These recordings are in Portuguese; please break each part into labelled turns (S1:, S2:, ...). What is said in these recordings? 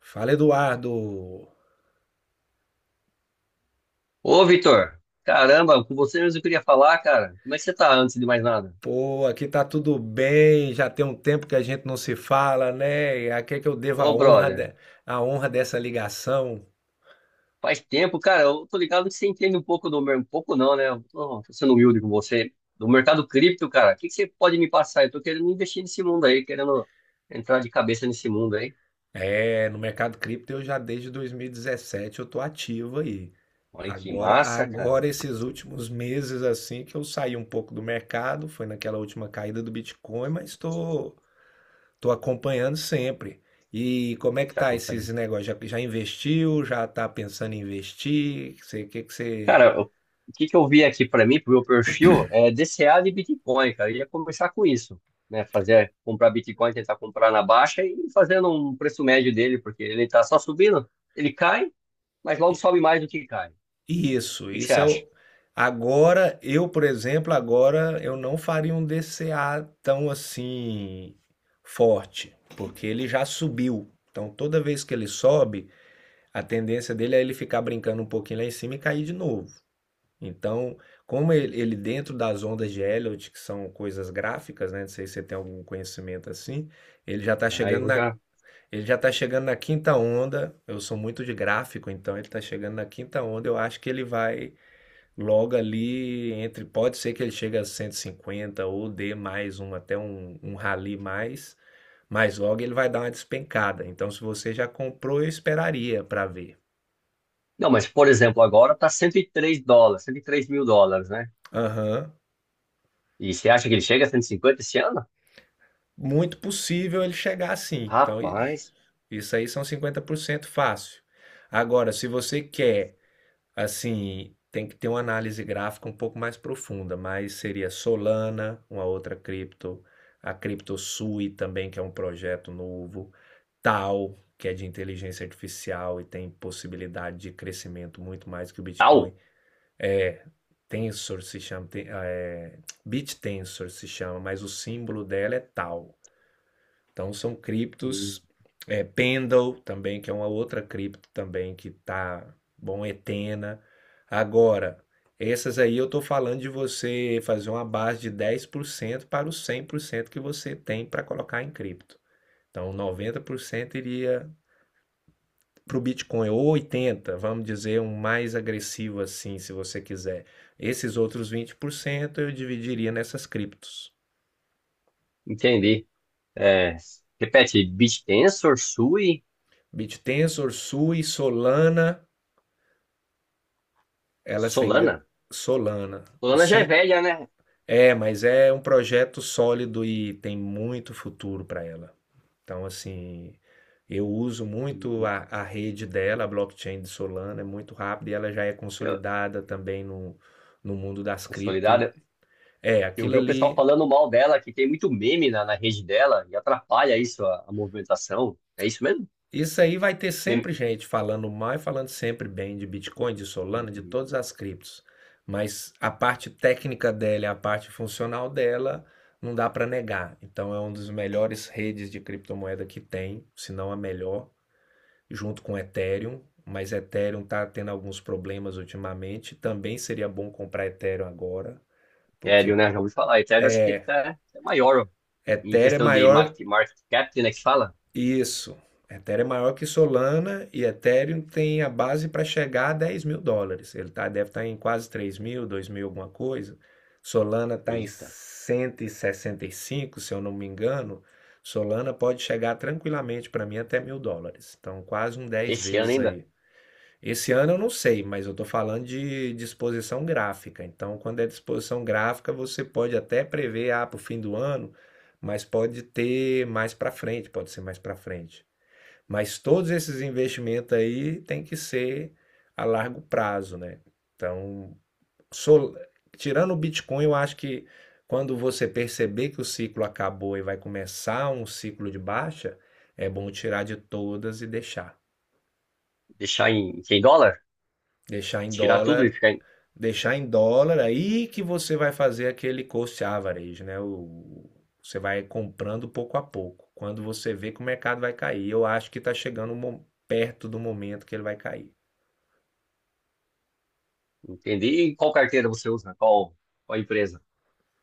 S1: Fala, Eduardo.
S2: Ô, Vitor, caramba, com você mesmo eu queria falar, cara. Como é que você tá antes de mais nada?
S1: Pô, aqui tá tudo bem, já tem um tempo que a gente não se fala, né? E a que é que eu devo
S2: Ô, brother,
S1: a honra dessa ligação?
S2: faz tempo, cara, eu tô ligado que você entende um pouco um pouco não, né? Tô sendo humilde com você. Do mercado cripto, cara, o que que você pode me passar? Eu tô querendo investir nesse mundo aí, querendo entrar de cabeça nesse mundo aí.
S1: É, no mercado cripto eu já desde 2017 eu tô ativo aí.
S2: Olha que
S1: Agora,
S2: massa, cara,
S1: agora esses últimos meses assim que eu saí um pouco do mercado, foi naquela última caída do Bitcoin, mas tô acompanhando sempre. E como é que
S2: você
S1: tá esses
S2: acompanha.
S1: negócios? Já investiu? Já tá pensando em investir? O que que você.
S2: Cara, o que que eu vi aqui pra mim, pro meu perfil, é DCA de Bitcoin, cara. Eu ia começar com isso, né? Fazer, comprar Bitcoin, tentar comprar na baixa e fazendo um preço médio dele, porque ele tá só subindo, ele cai, mas logo sobe mais do que cai. O
S1: Isso,
S2: que que você
S1: isso é
S2: acha?
S1: o. Agora, eu, por exemplo, agora eu não faria um DCA tão assim forte, porque ele já subiu. Então, toda vez que ele sobe, a tendência dele é ele ficar brincando um pouquinho lá em cima e cair de novo. Então, como ele dentro das ondas de Elliott que são coisas gráficas, né? Não sei se você tem algum conhecimento assim, ele já está
S2: Ah,
S1: chegando
S2: eu
S1: na,
S2: já.
S1: ele já está chegando na quinta onda. Eu sou muito de gráfico, então ele está chegando na quinta onda. Eu acho que ele vai. Logo ali, entre, pode ser que ele chegue a 150 ou dê mais um, até um rally mais, mas logo ele vai dar uma despencada. Então, se você já comprou, eu esperaria para ver.
S2: Não, mas por exemplo, agora tá 103 dólares, 103 mil dólares, né?
S1: Aham.
S2: E você acha que ele chega a 150 esse ano?
S1: Muito possível ele chegar assim. Então,
S2: Rapaz,
S1: isso aí são 50% fácil. Agora, se você quer, assim, tem que ter uma análise gráfica um pouco mais profunda, mas seria Solana, uma outra cripto, a CryptoSui também, que é um projeto novo, tal, que é de inteligência artificial e tem possibilidade de crescimento muito mais que o
S2: tal.
S1: Bitcoin. É, Tensor se chama, tem, é, BitTensor se chama, mas o símbolo dela é tal. Então são
S2: Hum,
S1: criptos, é, Pendle também, que é uma outra cripto também que tá bom, Etena. Agora, essas aí eu tô falando de você fazer uma base de 10% para os 100% que você tem para colocar em cripto. Então 90% iria para o Bitcoin, ou 80, vamos dizer, um mais agressivo assim, se você quiser. Esses outros 20% eu dividiria nessas criptos.
S2: Entendi. É, repete, BitTensor, Sui,
S1: BitTensor, Sui, Solana, elas têm.
S2: Solana.
S1: Solana. O,
S2: Lana já é
S1: sim,
S2: velha, né?
S1: é, mas é um projeto sólido e tem muito futuro para ela. Então, assim, eu uso muito
S2: E
S1: a rede dela, a blockchain de Solana, é muito rápida e ela já é
S2: eu,
S1: consolidada também no mundo das cripto.
S2: Solidária,
S1: É,
S2: eu
S1: aquilo
S2: vi o pessoal
S1: ali.
S2: falando mal dela, que tem muito meme na rede dela e atrapalha isso, a movimentação. É isso mesmo?
S1: Isso aí vai ter
S2: Meme.
S1: sempre gente falando mal e falando sempre bem de Bitcoin, de Solana, de
S2: Hum,
S1: todas as criptos. Mas a parte técnica dela a parte funcional dela não dá para negar. Então é uma das melhores redes de criptomoeda que tem, se não a melhor, junto com Ethereum. Mas Ethereum está tendo alguns problemas ultimamente. Também seria bom comprar Ethereum agora,
S2: Ethereum,
S1: porque
S2: né? Já ouvi falar. Ethereum acho que tá, é maior em
S1: Ethereum é
S2: questão de
S1: maior.
S2: market cap, né? Que fala.
S1: Isso. Ethereum é maior que Solana e Ethereum tem a base para chegar a 10 mil dólares. Ele tá, deve estar em quase 3 mil, 2 mil, alguma coisa. Solana está em
S2: Eita,
S1: cento e sessenta e cinco, se eu não me engano. Solana pode chegar tranquilamente para mim até mil dólares. Então, quase um 10
S2: esse ano
S1: vezes
S2: ainda,
S1: aí. Esse ano eu não sei, mas eu estou falando de disposição gráfica. Então, quando é disposição gráfica, você pode até prever, ah, para o fim do ano, mas pode ter mais para frente, pode ser mais para frente. Mas todos esses investimentos aí tem que ser a largo prazo, né? Então, sol- tirando o Bitcoin, eu acho que quando você perceber que o ciclo acabou e vai começar um ciclo de baixa, é bom tirar de todas e deixar.
S2: deixar em dólar,
S1: Deixar em
S2: tirar tudo e
S1: dólar
S2: ficar. Em...
S1: Deixar em dólar, aí que você vai fazer aquele cost average, né? O, você vai comprando pouco a pouco, quando você vê que o mercado vai cair. Eu acho que está chegando perto do momento que ele vai cair.
S2: entendi. E qual carteira você usa? Qual, qual empresa?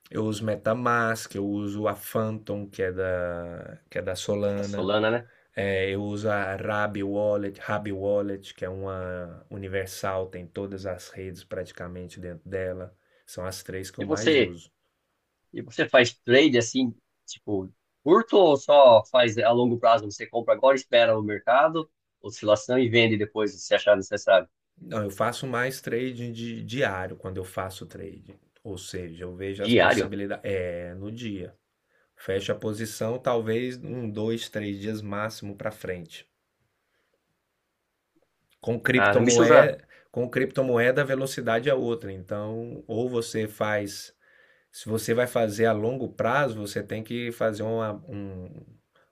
S1: Eu uso MetaMask, eu uso a Phantom, que é da
S2: A
S1: Solana.
S2: Solana, né?
S1: É, eu uso a Rabi Wallet, Rabi Wallet, que é uma universal, tem todas as redes praticamente dentro dela. São as três que
S2: E
S1: eu mais
S2: você?
S1: uso.
S2: E você faz trade assim, tipo, curto ou só faz a longo prazo? Você compra agora, espera o mercado, oscilação e vende depois se achar necessário.
S1: Não, eu faço mais trading diário quando eu faço trading. Ou seja, eu vejo as
S2: Diário?
S1: possibilidades. É, no dia. Fecho a posição, talvez um, dois, três dias máximo para frente. Com
S2: Caramba, isso usa.
S1: criptomoeda, com criptomoeda, a velocidade é outra. Então, ou você faz. Se você vai fazer a longo prazo, você tem que fazer uma, um,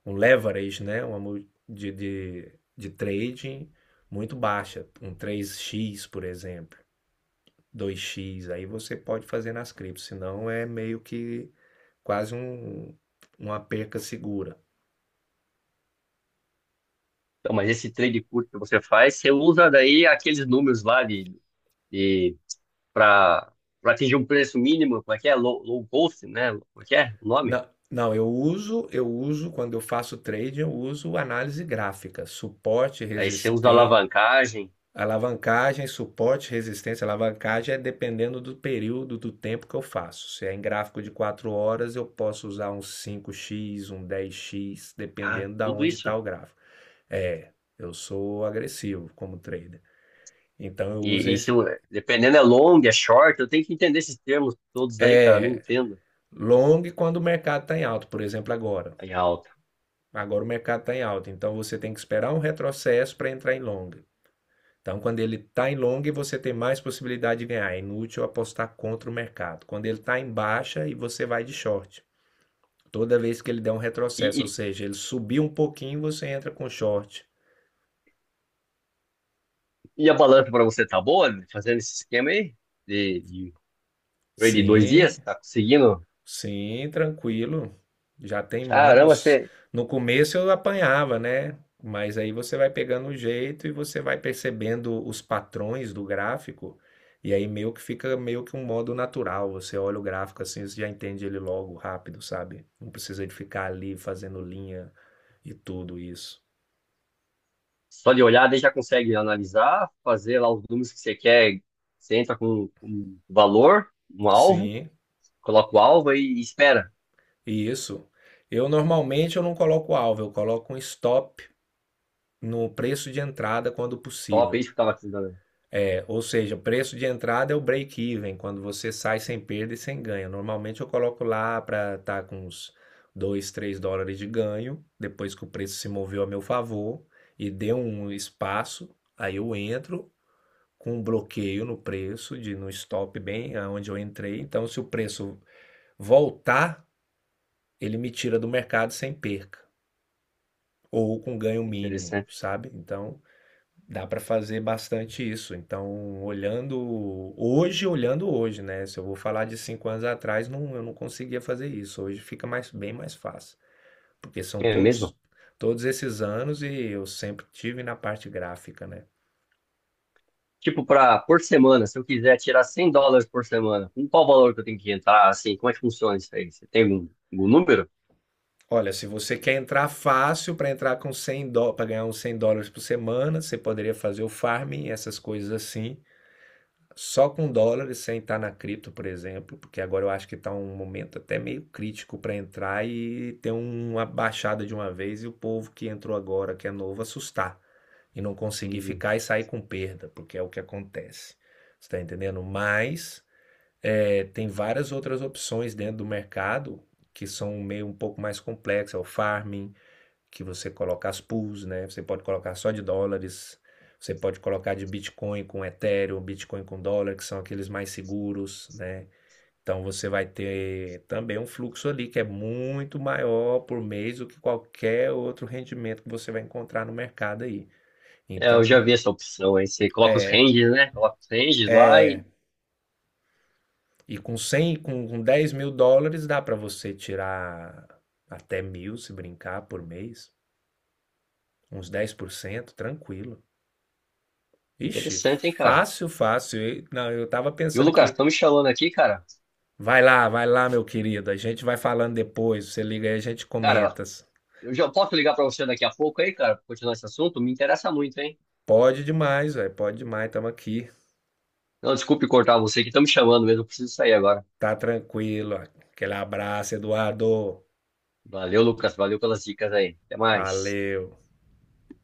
S1: um leverage, né? Uma de trading muito baixa. Um 3x por exemplo, 2x aí você pode fazer nas criptos, senão é meio que quase uma perca segura.
S2: Então, mas esse trade curto que você faz, você usa daí aqueles números lá de para para atingir um preço mínimo, como é que é? Low, low cost, né? Como é que é o nome?
S1: Não, não, eu uso quando eu faço trading, eu uso análise gráfica,
S2: Aí você usa alavancagem,
S1: suporte, resistência, alavancagem é dependendo do período do tempo que eu faço. Se é em gráfico de 4 horas, eu posso usar um 5x um 10x
S2: ah,
S1: dependendo da
S2: tudo
S1: onde está
S2: isso.
S1: o gráfico. É, eu sou agressivo como trader. Então eu uso.
S2: E isso, dependendo, é long, é short. Eu tenho que entender esses termos todos aí, cara. Eu Não
S1: É,
S2: entendo.
S1: long quando o mercado está em alta, por exemplo, agora.
S2: Aí, ah,
S1: Agora o mercado está em alta, então você tem que esperar um retrocesso para entrar em long. Então, quando ele está em long, você tem mais possibilidade de ganhar. É inútil apostar contra o mercado. Quando ele está em baixa e você vai de short. Toda vez que ele der um
S2: E,
S1: retrocesso, ou
S2: e,
S1: seja, ele subir um pouquinho, você entra com short.
S2: e a balança para você tá boa né? Fazendo esse esquema aí? De trade de dois
S1: Sim,
S2: dias? Tá conseguindo?
S1: sim, tranquilo. Já tem
S2: Caramba,
S1: anos.
S2: você
S1: No começo eu apanhava, né? Mas aí você vai pegando o jeito e você vai percebendo os patrões do gráfico, e aí meio que fica meio que um modo natural. Você olha o gráfico assim, você já entende ele logo, rápido, sabe? Não precisa de ficar ali fazendo linha e tudo isso.
S2: só de olhar daí já consegue analisar, fazer lá os números que você quer. Você entra com um valor, um alvo,
S1: Sim,
S2: coloca o alvo e espera.
S1: isso. Eu normalmente eu não coloco alvo, eu coloco um stop no preço de entrada quando
S2: Top, é
S1: possível.
S2: isso que eu tava tentando.
S1: Ou seja, o preço de entrada é o break-even, quando você sai sem perda e sem ganho. Normalmente eu coloco lá para estar tá com uns 2, 3 dólares de ganho, depois que o preço se moveu a meu favor e deu um espaço, aí eu entro com um bloqueio no preço, de no stop bem onde eu entrei. Então, se o preço voltar, ele me tira do mercado sem perca, ou com ganho
S2: Que
S1: mínimo,
S2: interessante.
S1: sabe? Então, dá para fazer bastante isso. Então, olhando hoje, né? Se eu vou falar de 5 anos atrás, não, eu não conseguia fazer isso. Hoje fica mais, bem mais fácil, porque são
S2: É mesmo?
S1: todos esses anos e eu sempre tive na parte gráfica, né?
S2: Tipo, pra, por semana, se eu quiser tirar 100 dólares por semana, com qual valor que eu tenho que entrar? Assim, como é que funciona isso aí? Você tem algum, algum número?
S1: Olha, se você quer entrar fácil para entrar com 100 dólares, para ganhar uns 100 dólares por semana, você poderia fazer o farming, essas coisas assim. Só com dólares, sem estar na cripto, por exemplo, porque agora eu acho que está um momento até meio crítico para entrar e ter uma baixada de uma vez e o povo que entrou agora, que é novo, assustar e não conseguir
S2: Hum.
S1: ficar e sair com perda, porque é o que acontece. Você está entendendo? Mas é, tem várias outras opções dentro do mercado que são meio um pouco mais complexas, é o farming, que você coloca as pools, né? Você pode colocar só de dólares, você pode colocar de Bitcoin com Ethereum, Bitcoin com dólar, que são aqueles mais seguros, né? Então você vai ter também um fluxo ali que é muito maior por mês do que qualquer outro rendimento que você vai encontrar no mercado aí.
S2: É, eu
S1: Então,
S2: já
S1: com,
S2: vi essa opção aí. Você coloca os
S1: é,
S2: ranges, né? Coloca os ranges lá e.
S1: é, e com com 10 mil dólares dá para você tirar até mil, se brincar, por mês, uns 10%, tranquilo. Ixi,
S2: Interessante, hein, cara?
S1: fácil, fácil. Não, eu tava
S2: E o
S1: pensando
S2: Lucas,
S1: aqui.
S2: estão me chamando aqui, cara.
S1: Vai lá, meu querido. A gente vai falando depois. Você liga aí, a gente
S2: Cara,
S1: comenta.
S2: eu já posso ligar pra você daqui a pouco aí, cara, pra continuar esse assunto? Me interessa muito, hein?
S1: Pode demais, velho. Pode demais. Tamo aqui.
S2: Não, desculpe cortar você que estão me chamando mesmo. Eu preciso sair agora.
S1: Tá tranquilo. Ó. Aquele abraço, Eduardo.
S2: Valeu, Lucas. Valeu pelas dicas aí. Até mais.
S1: Valeu.